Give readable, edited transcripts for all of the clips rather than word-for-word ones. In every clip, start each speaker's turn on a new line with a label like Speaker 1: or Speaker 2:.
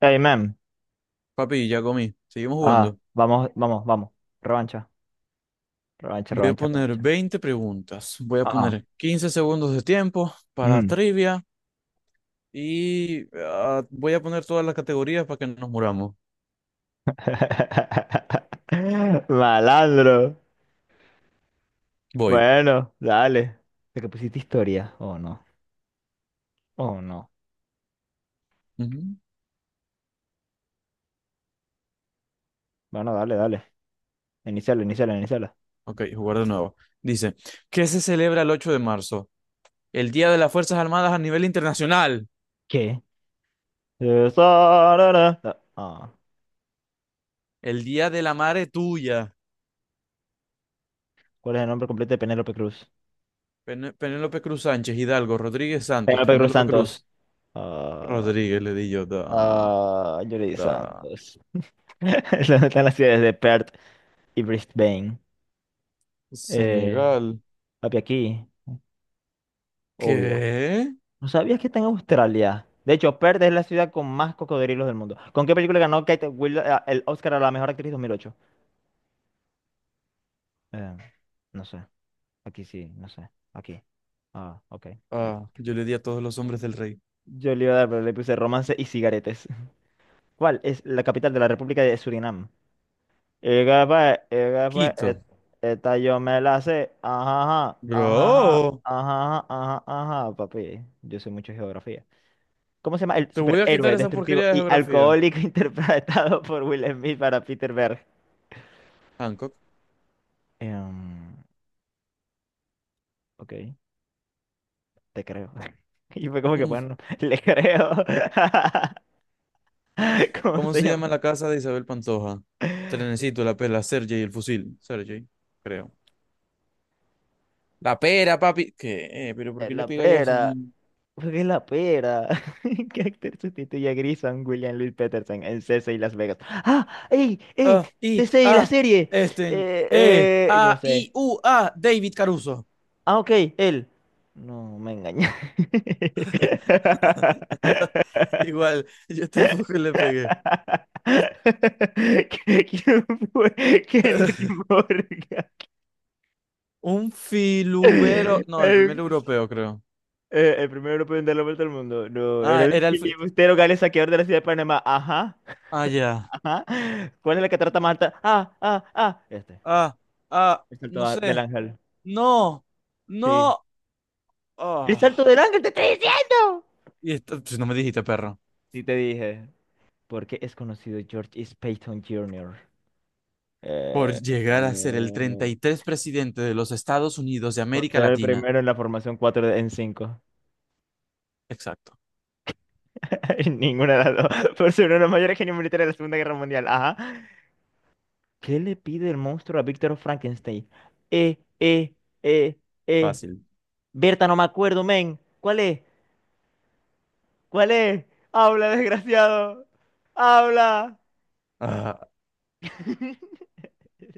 Speaker 1: Hey, man.
Speaker 2: Papi, ya comí. Seguimos
Speaker 1: Ajá.
Speaker 2: jugando.
Speaker 1: Vamos, vamos, vamos. Revancha. Revancha,
Speaker 2: Voy a
Speaker 1: revancha,
Speaker 2: poner
Speaker 1: revancha.
Speaker 2: 20 preguntas. Voy a
Speaker 1: Ajá.
Speaker 2: poner 15 segundos de tiempo para
Speaker 1: Mm.
Speaker 2: trivia y voy a poner todas las categorías para que nos muramos.
Speaker 1: Malandro.
Speaker 2: Voy.
Speaker 1: Bueno, dale. ¿De que pusiste historia? Oh, no. Oh, no.
Speaker 2: Ujú.
Speaker 1: Bueno, dale, dale. Iniciala, iniciala, iniciala.
Speaker 2: Ok, jugar de nuevo. Dice, ¿qué se celebra el 8 de marzo? El Día de las Fuerzas Armadas a nivel internacional.
Speaker 1: ¿Qué? Sarara. Ah.
Speaker 2: El Día de la Madre Tuya.
Speaker 1: ¿Cuál es el nombre completo de Penélope Cruz?
Speaker 2: Penélope Cruz Sánchez, Hidalgo, Rodríguez Santos,
Speaker 1: Penélope Cruz
Speaker 2: Penélope Cruz.
Speaker 1: Santos. Ah,
Speaker 2: Rodríguez, le di yo, da,
Speaker 1: Yuri
Speaker 2: da.
Speaker 1: Santos. ¿Dónde están las ciudades de Perth y Brisbane? Eh,
Speaker 2: Senegal.
Speaker 1: Papi, aquí, obvio.
Speaker 2: ¿Qué?
Speaker 1: ¿No sabías que está en Australia? De hecho, Perth es la ciudad con más cocodrilos del mundo. ¿Con qué película ganó Kate Winslet el Oscar a la mejor actriz 2008? Eh, no sé. Aquí sí, no sé. Aquí. Ah, ok. Ex-
Speaker 2: Ah, yo le di a todos los hombres del rey.
Speaker 1: Yo le iba a dar, pero le puse romance y cigaretes. ¿Cuál es la capital de la República de Surinam? Ega pues,
Speaker 2: Quito.
Speaker 1: et- esta yo me la sé. Ajá, ajá, ajá,
Speaker 2: Bro,
Speaker 1: ajá, ajá, ajá, ajá, papi. Yo sé mucho de geografía. ¿Cómo se llama? El
Speaker 2: te voy a quitar
Speaker 1: superhéroe
Speaker 2: esa
Speaker 1: destructivo
Speaker 2: porquería de
Speaker 1: y
Speaker 2: geografía.
Speaker 1: alcohólico interpretado por Will Smith para Peter Berg.
Speaker 2: Hancock.
Speaker 1: Em, ok, te creo. Y fue como que,
Speaker 2: Mm.
Speaker 1: bueno, le creo. ¿Cómo
Speaker 2: ¿Cómo
Speaker 1: se
Speaker 2: se
Speaker 1: llama?
Speaker 2: llama la casa de Isabel Pantoja? Trenecito, la pela, Sergey, el fusil. Sergey, creo. La pera, papi. ¿Qué? ¿Pero por qué le
Speaker 1: La
Speaker 2: pegáis así?
Speaker 1: pera. ¿Por qué la pera? ¿Qué actor sustituye a Grison William Louis Peterson en CC y Las Vegas? ¡Ah! ¡Ey! ¡Ey!
Speaker 2: Ah, I,
Speaker 1: CC y la
Speaker 2: A,
Speaker 1: serie.
Speaker 2: Esten,
Speaker 1: Eh,
Speaker 2: E,
Speaker 1: no
Speaker 2: A, I,
Speaker 1: sé.
Speaker 2: U, A, David Caruso.
Speaker 1: Ah, ok, él. No, me engañé.
Speaker 2: Igual, yo tampoco le pegué.
Speaker 1: ¿Qué- ¿Quién fue Henry Morgan?
Speaker 2: Un filubero.
Speaker 1: El,
Speaker 2: No, el primer
Speaker 1: eh,
Speaker 2: europeo, creo.
Speaker 1: el primer europeo en dar la vuelta al mundo. No, era
Speaker 2: Ah,
Speaker 1: el
Speaker 2: era el.
Speaker 1: filibustero gales saqueador de la ciudad de Panamá. Ajá,
Speaker 2: Ah, ya.
Speaker 1: ajá. ¿Cuál es la catarata más alta? Ah, ah, ah. Este.
Speaker 2: Ah, ah,
Speaker 1: El salto
Speaker 2: no
Speaker 1: a- del
Speaker 2: sé.
Speaker 1: ángel.
Speaker 2: No,
Speaker 1: Sí.
Speaker 2: no.
Speaker 1: ¡El salto
Speaker 2: ah.
Speaker 1: del ángel! ¡Te estoy diciendo!
Speaker 2: Y esto, pues, no me dijiste, perro.
Speaker 1: Sí, te dije. ¿Porque es conocido George S. Payton Jr.?
Speaker 2: Por
Speaker 1: Eh,
Speaker 2: llegar a ser el treinta
Speaker 1: eh,
Speaker 2: y tres presidente de los Estados Unidos de
Speaker 1: por
Speaker 2: América
Speaker 1: ser el
Speaker 2: Latina.
Speaker 1: primero en la formación 4 en cinco.
Speaker 2: Exacto.
Speaker 1: Ninguna de las dos. Por ser uno de los mayores genios militares de la Segunda Guerra Mundial. Ajá. ¿Qué le pide el monstruo a Víctor Frankenstein? Eh, eh, eh, eh.
Speaker 2: Fácil.
Speaker 1: Berta, no me acuerdo, men. ¿Cuál es? ¿Cuál es? Habla, desgraciado. Habla.
Speaker 2: Ah,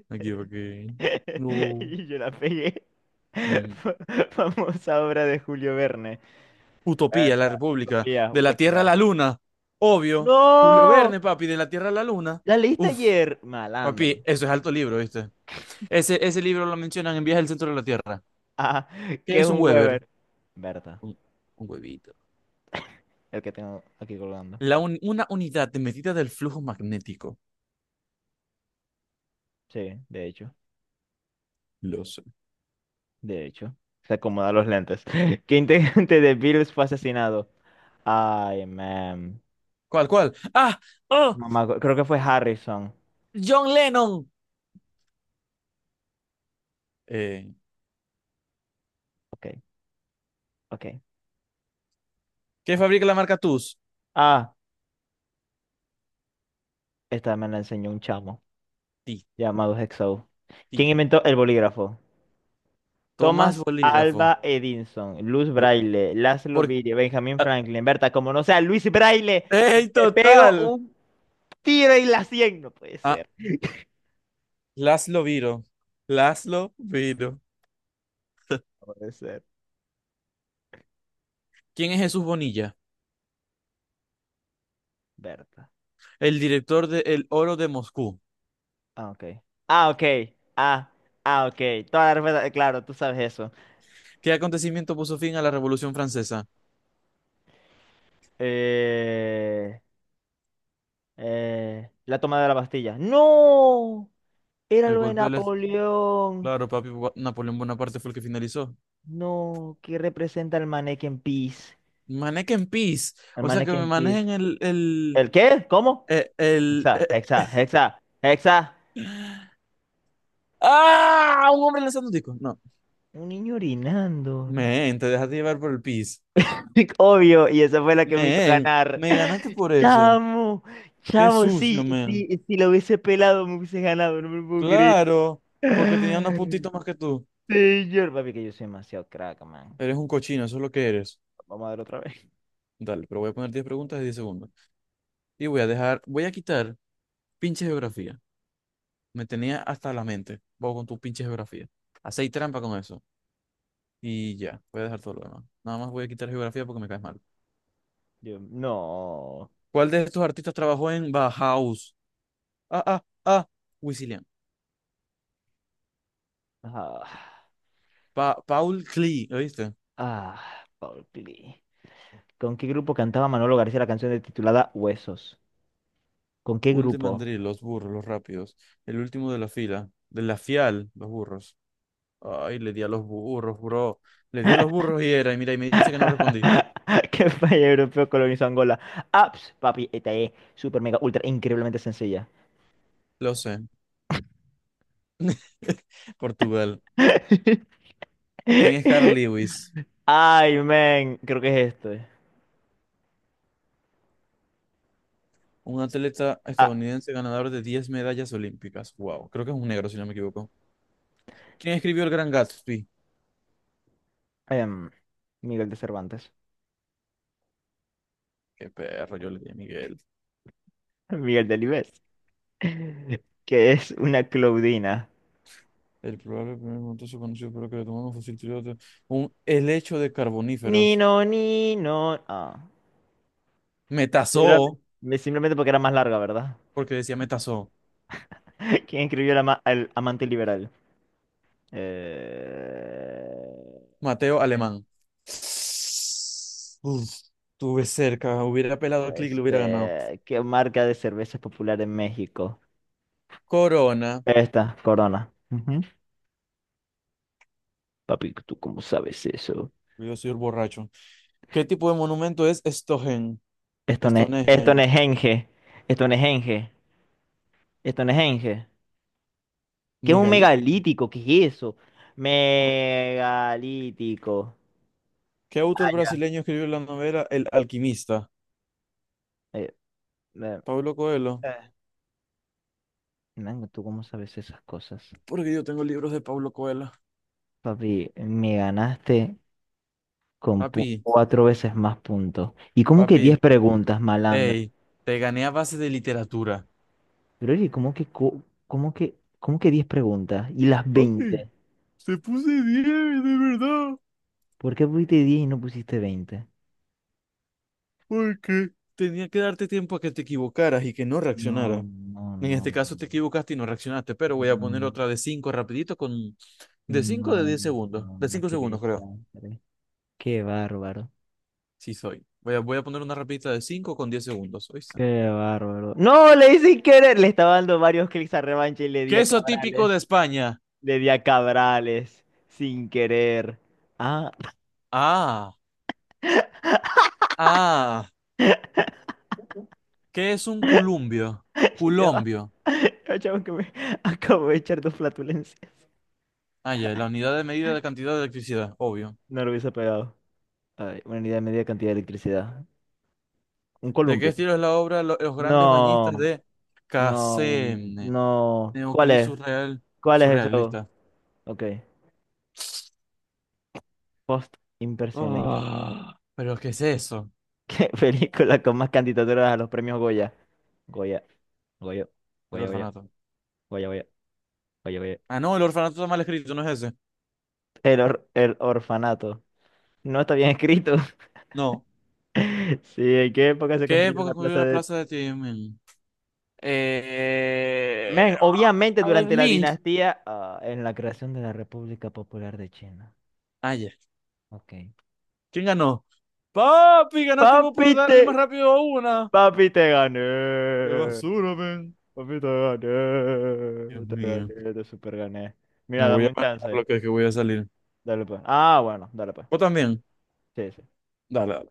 Speaker 2: me equivoqué. No.
Speaker 1: Y yo la pegué.
Speaker 2: Mm.
Speaker 1: Fa- Famosa obra de Julio Verne.
Speaker 2: Utopía,
Speaker 1: Berta,
Speaker 2: la República.
Speaker 1: Utopía,
Speaker 2: De la Tierra
Speaker 1: Utopía.
Speaker 2: a la Luna. Obvio. Julio
Speaker 1: ¡No!
Speaker 2: Verne, papi, de la Tierra a la Luna.
Speaker 1: ¿La leíste
Speaker 2: Uf,
Speaker 1: ayer? Malandro.
Speaker 2: papi, eso es alto libro, ¿viste? Ese libro lo mencionan en Viaje al Centro de la Tierra.
Speaker 1: Ah,
Speaker 2: ¿Qué
Speaker 1: ¿qué es
Speaker 2: es un
Speaker 1: un
Speaker 2: Weber?
Speaker 1: Weber? Berta.
Speaker 2: Un, un huevito.
Speaker 1: El que tengo aquí colgando.
Speaker 2: Una unidad de medida del flujo magnético.
Speaker 1: Sí, de hecho,
Speaker 2: Lo sé.
Speaker 1: de hecho. Se acomoda los lentes. ¿Qué integrante de Beatles fue asesinado? Ay, man.
Speaker 2: ¿Cuál, cuál? ¡Ah! ¡Oh!
Speaker 1: Mamá, creo que fue Harrison.
Speaker 2: ¡John Lennon! Eh,
Speaker 1: Ok, ok,
Speaker 2: ¿Qué
Speaker 1: ok.
Speaker 2: fabrica la marca TUS?
Speaker 1: Ah, esta me la enseñó un chamo
Speaker 2: Ti,
Speaker 1: llamado Hexo.
Speaker 2: ti.
Speaker 1: ¿Quién inventó el bolígrafo?
Speaker 2: Tomás
Speaker 1: Thomas
Speaker 2: Bolígrafo.
Speaker 1: Alba Edison, Luz
Speaker 2: Lo-
Speaker 1: Braille, Laszlo
Speaker 2: por-
Speaker 1: Birria, Benjamin
Speaker 2: ah,
Speaker 1: Franklin, Berta, como no sea Luis Braille,
Speaker 2: ¡Ey,
Speaker 1: te pego
Speaker 2: total!
Speaker 1: un tiro y la cien. No puede
Speaker 2: Ah,
Speaker 1: ser,
Speaker 2: Laszlo Viro. Laszlo Viro.
Speaker 1: no puede ser,
Speaker 2: ¿Quién es Jesús Bonilla?
Speaker 1: Berta.
Speaker 2: El director de El Oro de Moscú.
Speaker 1: Ah, ok. Ah, ok. Ah, ah, ok. Toda la respuesta, claro, tú sabes eso.
Speaker 2: ¿Qué acontecimiento puso fin a la Revolución Francesa?
Speaker 1: Eh, la toma de la Bastilla. ¡No! Era
Speaker 2: El
Speaker 1: lo de
Speaker 2: golpe de del...
Speaker 1: Napoleón.
Speaker 2: Claro, papi, Napoleón Bonaparte fue el que finalizó.
Speaker 1: No, ¿qué representa el Mannequin Peace?
Speaker 2: Manequen en peace.
Speaker 1: El
Speaker 2: O sea, que me
Speaker 1: Mannequin Peace.
Speaker 2: manejen el, el,
Speaker 1: ¿El qué? ¿Cómo?
Speaker 2: eh, el,
Speaker 1: Hexa,
Speaker 2: eh,
Speaker 1: hexa, hexa, hexa.
Speaker 2: ¡Ah! Un hombre lanzando un disco. No.
Speaker 1: Un niño orinando.
Speaker 2: Men, te dejaste llevar por el pis.
Speaker 1: Obvio, y esa fue la que me hizo
Speaker 2: Men,
Speaker 1: ganar.
Speaker 2: me ganaste por eso.
Speaker 1: Chamo,
Speaker 2: Qué
Speaker 1: chamo,
Speaker 2: sucio,
Speaker 1: sí,
Speaker 2: men.
Speaker 1: sí, si lo hubiese pelado me hubiese ganado, no me lo puedo creer.
Speaker 2: Claro, porque tenía unos
Speaker 1: Señor,
Speaker 2: puntitos más que tú.
Speaker 1: papi, que yo soy demasiado crack, man.
Speaker 2: Eres un cochino, eso es lo que eres.
Speaker 1: Vamos a ver otra vez.
Speaker 2: Dale, pero voy a poner 10 preguntas de 10 segundos. Y voy a dejar, voy a quitar pinche geografía. Me tenía hasta la mente. Vos con tu pinche geografía. Hacéis trampa con eso. Y ya, voy a dejar todo lo demás. Nada más voy a quitar geografía porque me caes mal.
Speaker 1: Yo, no.
Speaker 2: ¿Cuál de estos artistas trabajó en Bauhaus? ah, ah, ah. Wisilian.
Speaker 1: Ah,
Speaker 2: Pa Paul Klee, ¿oíste?
Speaker 1: ah, Paul Klee. ¿Con qué grupo cantaba Manolo García la canción de- titulada Huesos? ¿Con qué
Speaker 2: Paul de
Speaker 1: grupo?
Speaker 2: Mandril, los burros, los rápidos. El último de la fila. De la fial, los burros. Ay, le di a los burros, bro. Le di a los burros y era. Y mira, y me dice que no respondí.
Speaker 1: ¿Qué país europeo colonizó Angola? Aps, papi, esta es super mega ultra increíblemente sencilla.
Speaker 2: Lo sé. Portugal. ¿Quién es Carl Lewis?
Speaker 1: Ay, men, creo que es esto.
Speaker 2: Un atleta
Speaker 1: Ah,
Speaker 2: estadounidense ganador de 10 medallas olímpicas. Wow, creo que es un negro, si no me equivoco. ¿Quién escribió El Gran Gatsby?
Speaker 1: em, Miguel de Cervantes.
Speaker 2: Qué perro, yo le di a Miguel.
Speaker 1: Miguel de Delibes. que es una Claudina.
Speaker 2: El probable primer montazo conocido por lo que le tomaron un fósil triloto. Un helecho de carboníferos.
Speaker 1: Nino, Nino. Ah,
Speaker 2: Metazoo,
Speaker 1: simplemente, simplemente porque era más larga, ¿verdad?
Speaker 2: porque decía metazoo.
Speaker 1: ¿Quién escribió el, ama- el amante liberal? Eh,
Speaker 2: Mateo Alemán. Uf, estuve cerca. Hubiera pelado al clic y
Speaker 1: pues,
Speaker 2: lo hubiera ganado.
Speaker 1: de- ¿qué marca de cerveza es popular en México?
Speaker 2: Corona.
Speaker 1: Esta, Corona. Ujú. Papi, ¿tú cómo sabes eso?
Speaker 2: Yo soy un borracho. ¿Qué tipo de monumento es Stohen?
Speaker 1: Esto no
Speaker 2: ¿Stonehen?
Speaker 1: es Genge. Esto no es Genge. Esto no es Genge. ¿Qué es un
Speaker 2: Megalítico.
Speaker 1: megalítico? ¿Qué es eso?
Speaker 2: Oh.
Speaker 1: Megalítico.
Speaker 2: ¿Qué autor brasileño escribió la novela El Alquimista?
Speaker 1: Eh, eh,
Speaker 2: Pablo Coelho.
Speaker 1: Eh, Mango, ¿tú cómo sabes esas cosas?
Speaker 2: Porque yo tengo libros de Pablo Coelho.
Speaker 1: Papi, me ganaste con pu-
Speaker 2: Papi,
Speaker 1: cuatro veces más puntos. ¿Y cómo que diez
Speaker 2: papi.
Speaker 1: preguntas, malandro?
Speaker 2: Ey, te gané a base de literatura.
Speaker 1: Pero oye, ¿cómo que, co- cómo que diez preguntas? ¿Y las
Speaker 2: Papi,
Speaker 1: veinte?
Speaker 2: te puse 10, de verdad.
Speaker 1: ¿Por qué pusiste diez y no pusiste veinte?
Speaker 2: Porque tenía que darte tiempo a que te equivocaras y que no
Speaker 1: No,
Speaker 2: reaccionaras.
Speaker 1: no,
Speaker 2: En
Speaker 1: no,
Speaker 2: este
Speaker 1: no,
Speaker 2: caso te equivocaste y no reaccionaste, pero voy a poner otra de 5 rapidito con... De 5 o de
Speaker 1: no,
Speaker 2: 10 segundos.
Speaker 1: no,
Speaker 2: De
Speaker 1: no,
Speaker 2: 5
Speaker 1: qué
Speaker 2: segundos, creo.
Speaker 1: desastre. Qué bárbaro.
Speaker 2: Sí, soy. Voy a, voy a poner una rapidita de 5 con 10 segundos. ¿Oíste?
Speaker 1: Qué bárbaro. No, le hice sin querer. Le estaba dando varios clics a revancha y le di a
Speaker 2: Queso típico
Speaker 1: Cabrales.
Speaker 2: de España.
Speaker 1: Le di a Cabrales. Sin querer. Ah,
Speaker 2: Ah, ah. ¿Qué es un culumbio?
Speaker 1: ya
Speaker 2: Culombio.
Speaker 1: va. Chavo, que me acabo de echar dos flatulencias.
Speaker 2: Ah, ya, la unidad de medida de cantidad de electricidad, obvio.
Speaker 1: No lo hubiese pegado. Ay, una unidad de media cantidad de electricidad. Un
Speaker 2: ¿De qué
Speaker 1: columpio.
Speaker 2: estilo es la obra Los grandes bañistas
Speaker 1: No,
Speaker 2: de
Speaker 1: no,
Speaker 2: Casem?
Speaker 1: no. ¿Cuál
Speaker 2: Neoclí
Speaker 1: es?
Speaker 2: surreal,
Speaker 1: ¿Cuál es eso?
Speaker 2: surrealista.
Speaker 1: Ok. Post-impresionista.
Speaker 2: Ah, ¿pero qué es eso?
Speaker 1: ¿Qué película con más candidaturas a los premios Goya? Goya, Goya,
Speaker 2: El
Speaker 1: Goya, Goya,
Speaker 2: orfanato.
Speaker 1: Goya, Goya, Goya, Goya.
Speaker 2: Ah, no, el orfanato está mal escrito, no es ese.
Speaker 1: El, or- el orfanato. No está bien escrito.
Speaker 2: No.
Speaker 1: Sí, ¿en qué época se
Speaker 2: ¿Qué
Speaker 1: construyó
Speaker 2: época
Speaker 1: la
Speaker 2: ocurrió
Speaker 1: plaza
Speaker 2: la
Speaker 1: de...
Speaker 2: plaza de Tiananmen? Eh...
Speaker 1: Men, obviamente
Speaker 2: ah,
Speaker 1: durante
Speaker 2: Ming.
Speaker 1: la
Speaker 2: Mink.
Speaker 1: dinastía, ah, en la creación de la República Popular de China.
Speaker 2: Ah, ya.
Speaker 1: Ok.
Speaker 2: ¿Quién ganó? Papi, ganaste vos por
Speaker 1: Papi
Speaker 2: darle más
Speaker 1: te,
Speaker 2: rápido a una.
Speaker 1: papi te
Speaker 2: Qué
Speaker 1: gané.
Speaker 2: basura, ven.
Speaker 1: Papi te
Speaker 2: Dios
Speaker 1: gané. Te
Speaker 2: mío.
Speaker 1: gané, te super gané.
Speaker 2: Me
Speaker 1: Mira,
Speaker 2: voy
Speaker 1: dame
Speaker 2: a
Speaker 1: un
Speaker 2: bañar
Speaker 1: chance.
Speaker 2: lo que voy a salir.
Speaker 1: Dale pues. Ah, bueno, dale pues.
Speaker 2: ¿Vos también?
Speaker 1: Sí, sí.
Speaker 2: Dale.